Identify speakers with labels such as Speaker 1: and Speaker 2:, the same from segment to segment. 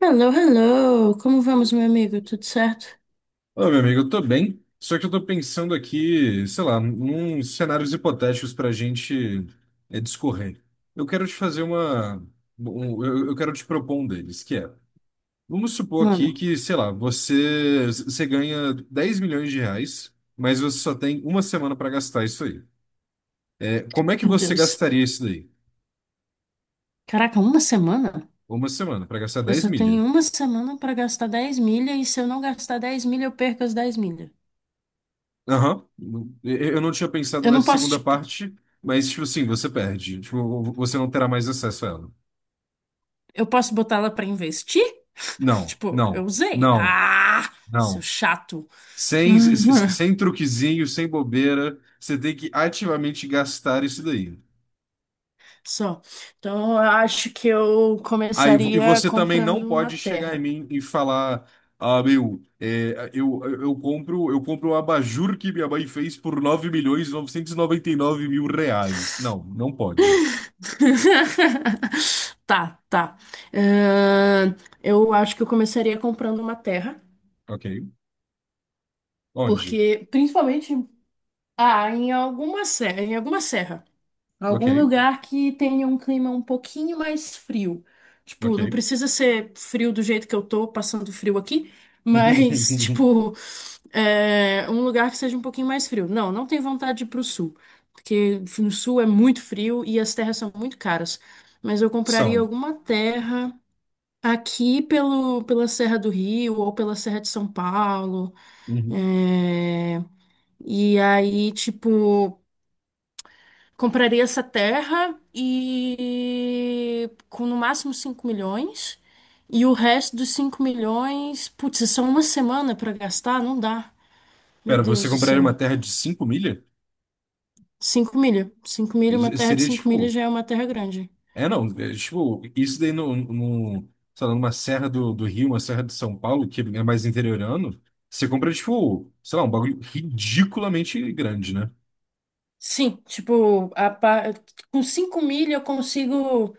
Speaker 1: Hello, hello! Como vamos, meu amigo? Tudo certo?
Speaker 2: Ô, meu amigo, eu tô bem, só que eu tô pensando aqui, sei lá, uns cenários hipotéticos pra gente discorrer. Eu quero te fazer uma. Eu quero te propor um deles, que é. Vamos supor aqui
Speaker 1: Mano,
Speaker 2: que, sei lá, você ganha 10 milhões de reais, mas você só tem uma semana pra gastar isso aí. É, como é que
Speaker 1: meu
Speaker 2: você
Speaker 1: Deus.
Speaker 2: gastaria isso daí?
Speaker 1: Caraca, uma semana?
Speaker 2: Uma semana, pra gastar
Speaker 1: Eu
Speaker 2: 10
Speaker 1: só
Speaker 2: milha.
Speaker 1: tenho uma semana pra gastar 10 milha e se eu não gastar dez milha, eu perco as 10 milha.
Speaker 2: Aham. Eu não tinha pensado
Speaker 1: Eu não
Speaker 2: nessa
Speaker 1: posso,
Speaker 2: segunda
Speaker 1: tipo,
Speaker 2: parte, mas, tipo assim, você perde. Tipo, você não terá mais acesso a ela.
Speaker 1: eu posso botá-la pra investir?
Speaker 2: Não,
Speaker 1: Tipo, eu
Speaker 2: não,
Speaker 1: usei.
Speaker 2: não,
Speaker 1: Ah, seu
Speaker 2: não.
Speaker 1: chato.
Speaker 2: Sem, s- s- sem truquezinho, sem bobeira, você tem que ativamente gastar isso daí.
Speaker 1: Só. Então, eu acho que eu
Speaker 2: Ah, e
Speaker 1: começaria
Speaker 2: você também
Speaker 1: comprando
Speaker 2: não
Speaker 1: uma
Speaker 2: pode chegar em
Speaker 1: terra.
Speaker 2: mim e falar, ah, meu, eu compro um abajur que minha mãe fez por 9.999.000 reais. Não, não pode.
Speaker 1: Tá, tá. Ahn, eu acho que eu começaria comprando uma terra,
Speaker 2: Ok. Onde?
Speaker 1: porque principalmente em alguma serra, em alguma serra.
Speaker 2: Ok.
Speaker 1: Algum lugar que tenha um clima um pouquinho mais frio. Tipo, não
Speaker 2: Ok.
Speaker 1: precisa ser frio do jeito que eu tô passando frio aqui, mas, tipo, um lugar que seja um pouquinho mais frio. Não, não tenho vontade de ir pro sul, porque no sul é muito frio e as terras são muito caras. Mas eu compraria
Speaker 2: São.
Speaker 1: alguma terra aqui pela Serra do Rio ou pela Serra de São Paulo.
Speaker 2: Uhum.
Speaker 1: é, E aí, tipo. Compraria essa terra e com no máximo 5 milhões. E o resto dos 5 milhões, putz, é só uma semana para gastar? Não dá. Meu
Speaker 2: Pera, você
Speaker 1: Deus do
Speaker 2: compraria
Speaker 1: céu.
Speaker 2: uma terra de 5 milha?
Speaker 1: Cinco milha. Cinco milha, uma
Speaker 2: Isso
Speaker 1: terra de
Speaker 2: seria
Speaker 1: 5 milhas
Speaker 2: tipo.
Speaker 1: já é uma terra grande.
Speaker 2: É, não. É, tipo, isso daí no, sei lá, numa serra do Rio, uma serra de São Paulo, que é mais interiorano, você compra, tipo, sei lá, um bagulho ridiculamente grande, né?
Speaker 1: Sim, tipo, com 5 milha eu consigo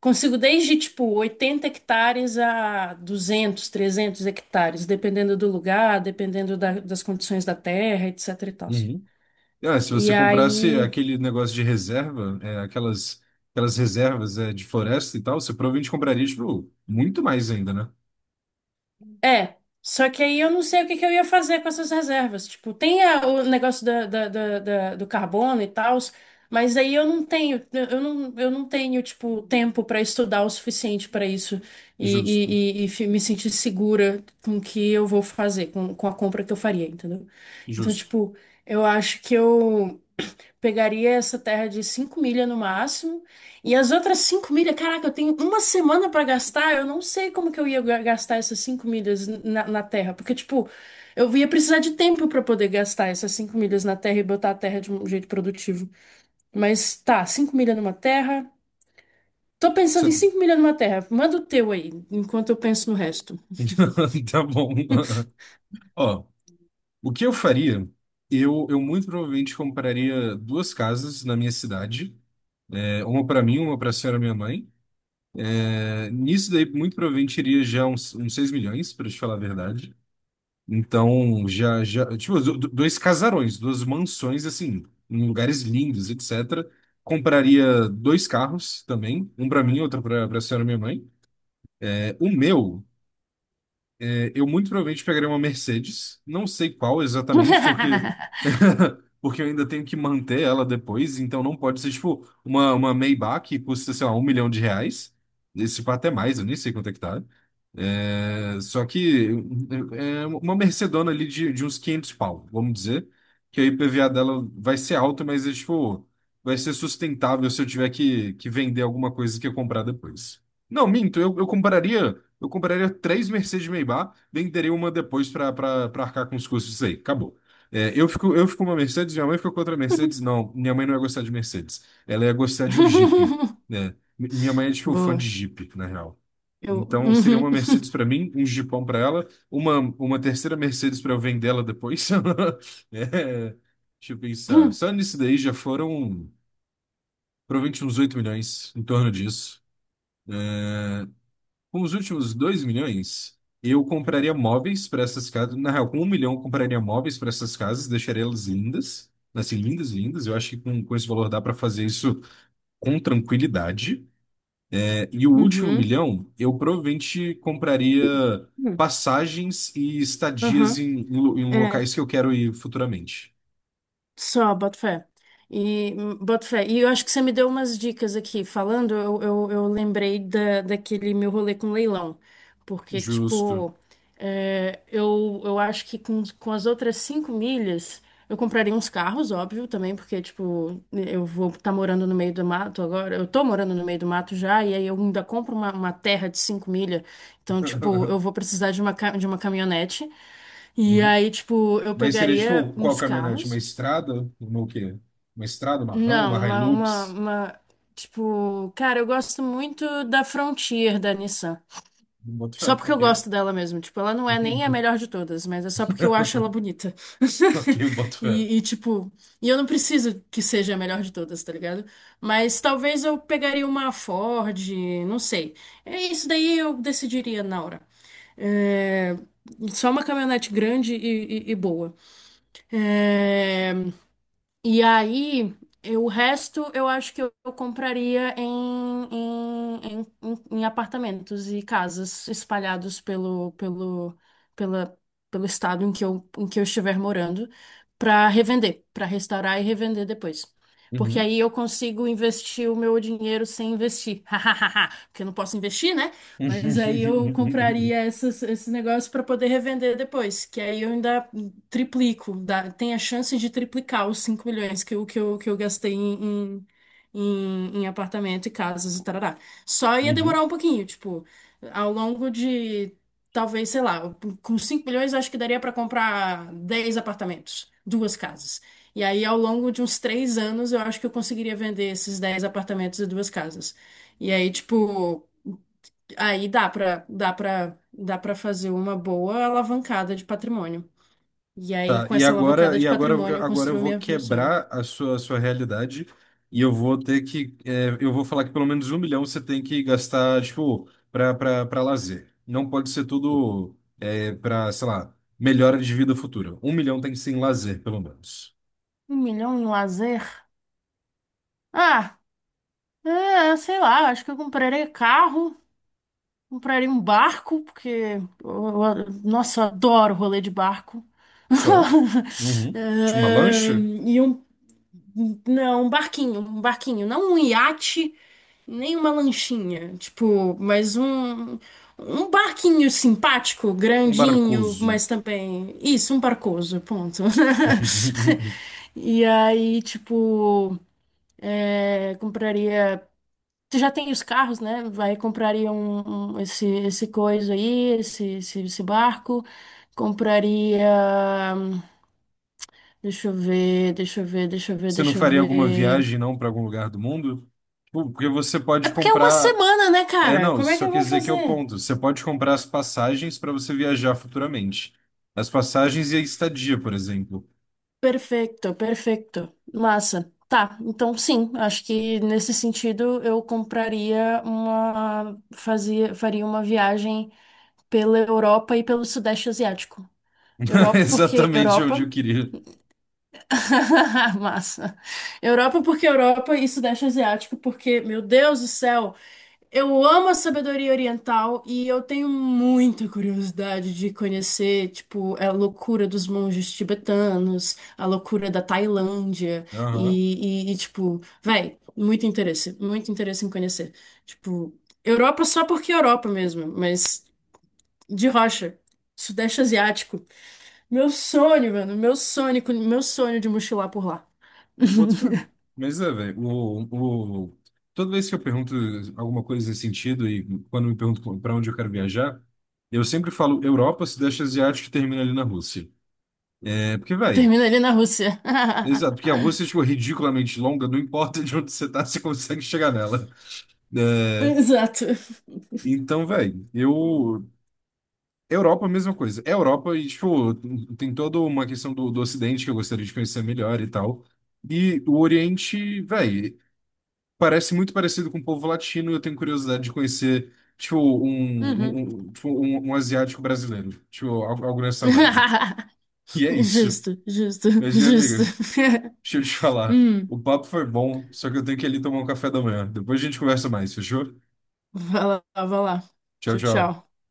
Speaker 1: desde tipo 80 hectares a 200 300 hectares, dependendo do lugar, das condições da terra, etc e tal.
Speaker 2: Uhum. Ah, se
Speaker 1: E
Speaker 2: você comprasse
Speaker 1: aí,
Speaker 2: aquele negócio de reserva, aquelas reservas, de floresta e tal, você provavelmente compraria, tipo, muito mais ainda, né?
Speaker 1: É, só que aí eu não sei o que que eu ia fazer com essas reservas. Tipo, o negócio da, da- da- da- do carbono e tal, mas aí eu não tenho, tipo, tempo para estudar o suficiente para isso e,
Speaker 2: Justo,
Speaker 1: e- e- e fi- me sentir segura com o que eu vou fazer, com a compra que eu faria, entendeu? Então,
Speaker 2: justo.
Speaker 1: tipo, eu acho que eu. Pegaria essa terra de 5 milhas no máximo. E as outras 5 milhas, caraca, eu tenho uma semana pra gastar. Eu não sei como que eu ia gastar essas 5 milhas na terra. Porque, tipo, eu ia precisar de tempo pra poder gastar essas cinco milhas na terra e botar a terra de um jeito produtivo. Mas tá, 5 milhas numa terra. Tô pensando em
Speaker 2: Você-
Speaker 1: 5 milhas numa terra. Manda o teu aí, enquanto eu penso no resto.
Speaker 2: Tá bom. Ó, o que eu faria? Eu muito provavelmente compraria duas casas na minha cidade, uma para mim, uma para a senhora minha mãe. É, nisso daí, muito provavelmente iria já uns 6 milhões, para te falar a verdade. Então, já, tipo, dois casarões, duas mansões, assim, em lugares lindos, etc. Compraria dois carros também, um para mim, outro para a senhora minha mãe. É, o meu. É, eu muito provavelmente pegaria uma Mercedes, não sei qual exatamente, porque porque eu ainda tenho que manter ela depois, então não pode ser tipo uma Maybach que custa, sei lá, um milhão de reais. Esse pá até mais, eu nem sei quanto é que tá. É, só que é uma Mercedona ali de uns 500 pau, vamos dizer, que a IPVA dela vai ser alta, mas é, tipo, vai ser sustentável se eu tiver que vender alguma coisa que eu comprar depois. Não, minto, eu compraria. Eu compraria três Mercedes Maybach, venderia uma depois para arcar com os custos disso aí. Acabou. É, eu fico com uma Mercedes, minha mãe ficou com outra Mercedes. Não, minha mãe não ia gostar de Mercedes. Ela ia gostar de um Jeep, né? Minha mãe é, tipo, fã de
Speaker 1: Boa.
Speaker 2: Jeep, na real.
Speaker 1: Eu.
Speaker 2: Então, seria
Speaker 1: Uhum.
Speaker 2: uma Mercedes para mim, um Jeepão para ela, uma terceira Mercedes para eu vender ela depois. É, deixa eu pensar. Só nisso daí já foram provavelmente uns 8 milhões, em torno disso. Com os últimos 2 milhões, eu compraria móveis para essas casas. Na real, com um milhão, eu compraria móveis para essas casas, deixaria elas lindas. Assim, lindas, lindas. Eu acho que com esse valor dá para fazer isso com tranquilidade. É, e o último
Speaker 1: Uhum.
Speaker 2: milhão, eu provavelmente compraria
Speaker 1: Uhum.
Speaker 2: passagens e estadias em
Speaker 1: Uhum.
Speaker 2: locais que eu quero ir futuramente.
Speaker 1: Só, boto fé. E, boto fé. E eu acho que você me deu umas dicas aqui. Falando, eu lembrei daquele meu rolê com leilão. Porque,
Speaker 2: Justo.
Speaker 1: tipo, eu acho que com as outras cinco milhas, eu compraria uns carros, óbvio, também, porque, tipo, eu vou estar morando no meio do mato agora. Eu tô morando no meio do mato já, e aí eu ainda compro uma terra de cinco milhas. Então, tipo, eu vou precisar de de uma caminhonete. E
Speaker 2: Uhum.
Speaker 1: aí, tipo, eu
Speaker 2: Mas seria
Speaker 1: pegaria
Speaker 2: tipo, qual
Speaker 1: uns
Speaker 2: caminhonete? Uma
Speaker 1: carros.
Speaker 2: estrada? Uma o quê? Uma estrada, uma RAM,
Speaker 1: Não,
Speaker 2: uma Hilux?
Speaker 1: tipo, cara, eu gosto muito da Frontier da Nissan.
Speaker 2: Boto
Speaker 1: Só
Speaker 2: fé,
Speaker 1: porque eu
Speaker 2: ok.
Speaker 1: gosto dela mesmo. Tipo, ela não é nem a
Speaker 2: Uhum.
Speaker 1: melhor de todas, mas é só porque eu acho ela bonita.
Speaker 2: Ok, eu boto fé.
Speaker 1: E, tipo, eu não preciso que seja a melhor de todas, tá ligado? Mas talvez eu pegaria uma Ford, não sei. É isso daí eu decidiria na hora. É, Só uma caminhonete grande e boa. É, e aí, o resto eu acho que eu compraria em apartamentos e casas espalhados pela, pelo estado em em que eu estiver morando, para revender, para restaurar e revender depois. Porque
Speaker 2: Uhum.
Speaker 1: aí eu consigo investir o meu dinheiro sem investir. Porque eu não posso investir, né? Mas aí eu compraria essas, esse negócio para poder revender depois. Que aí eu ainda triplico, tem a chance de triplicar os 5 milhões que eu gastei em apartamento e casas e tarará. Só ia
Speaker 2: Uhum.
Speaker 1: demorar um pouquinho, tipo, ao longo de, talvez, sei lá, com 5 milhões eu acho que daria para comprar 10 apartamentos, duas casas. E aí, ao longo de uns 3 anos, eu acho que eu conseguiria vender esses 10 apartamentos e duas casas. E aí, tipo, aí dá pra fazer uma boa alavancada de patrimônio. E aí,
Speaker 2: Tá,
Speaker 1: com essa alavancada de patrimônio, eu
Speaker 2: agora eu
Speaker 1: construo
Speaker 2: vou
Speaker 1: meu sonho.
Speaker 2: quebrar a sua realidade e eu vou ter que, eu vou falar que pelo menos um milhão você tem que gastar, tipo, pra lazer. Não pode ser tudo, pra, sei lá, melhora de vida futura. Um milhão tem que ser em lazer, pelo menos.
Speaker 1: Um milhão em lazer? Ah, sei lá, acho que eu comprarei carro, comprarei um barco, porque nossa, eu adoro rolê de barco.
Speaker 2: Só. Uhum. Tipo, uma
Speaker 1: É,
Speaker 2: lancha?
Speaker 1: e um Não, um barquinho, não um iate, nem uma lanchinha, tipo, mas um barquinho simpático,
Speaker 2: Um
Speaker 1: grandinho,
Speaker 2: barcoso.
Speaker 1: mas também isso, um barcoso, ponto. E aí, tipo, compraria. Tu já tem os carros, né? Vai compraria esse coisa aí, esse barco. Compraria. Deixa eu ver, deixa eu ver, deixa eu ver,
Speaker 2: Você não
Speaker 1: deixa eu
Speaker 2: faria alguma
Speaker 1: ver.
Speaker 2: viagem, não, para algum lugar do mundo? Tipo, porque você
Speaker 1: É
Speaker 2: pode
Speaker 1: porque é uma
Speaker 2: comprar.
Speaker 1: semana, né,
Speaker 2: É,
Speaker 1: cara?
Speaker 2: não,
Speaker 1: Como é que
Speaker 2: só
Speaker 1: eu
Speaker 2: quer
Speaker 1: vou
Speaker 2: dizer que é o
Speaker 1: fazer?
Speaker 2: ponto. Você pode comprar as passagens para você viajar futuramente. As passagens e a estadia, por exemplo.
Speaker 1: Perfeito, perfeito. Massa. Tá, então sim, acho que nesse sentido eu compraria faria uma viagem pela Europa e pelo Sudeste Asiático. Europa, porque
Speaker 2: Exatamente onde eu
Speaker 1: Europa,
Speaker 2: queria.
Speaker 1: massa. Europa porque Europa e Sudeste Asiático porque, meu Deus do céu, eu amo a sabedoria oriental e eu tenho muita curiosidade de conhecer, tipo, a loucura dos monges tibetanos, a loucura da Tailândia
Speaker 2: Aham,
Speaker 1: tipo, véi, muito interesse em conhecer. Tipo, Europa só porque Europa mesmo, mas de rocha. Sudeste Asiático. Meu sonho, mano, meu sonho de mochilar por lá.
Speaker 2: eu boto fé. Mas é, velho, toda vez que eu pergunto alguma coisa nesse sentido, e quando me pergunto para onde eu quero viajar, eu sempre falo Europa, Sudeste Asiático e termina ali na Rússia. É porque, velho.
Speaker 1: Termina ali na Rússia.
Speaker 2: Exato, porque a Rússia é, tipo, ridiculamente longa, não importa de onde você tá, você consegue chegar nela. É,
Speaker 1: Exato.
Speaker 2: então, velho, eu. Europa, a mesma coisa. É Europa e, tipo, tem toda uma questão do Ocidente que eu gostaria de conhecer melhor e tal. E o Oriente, velho, parece muito parecido com o povo latino. Eu tenho curiosidade de conhecer, tipo, um,
Speaker 1: Uhum.
Speaker 2: um, um, tipo, um, um asiático brasileiro. Tipo, algo, algo nessa vibe. E é isso.
Speaker 1: Justo, justo,
Speaker 2: Mas, minha
Speaker 1: justo.
Speaker 2: amiga, deixa eu te falar.
Speaker 1: Hum,
Speaker 2: O papo foi bom, só que eu tenho que ir ali tomar um café da manhã. Depois a gente conversa mais, fechou?
Speaker 1: vai lá, vai lá.
Speaker 2: Tchau,
Speaker 1: Tchau,
Speaker 2: tchau.
Speaker 1: tchau.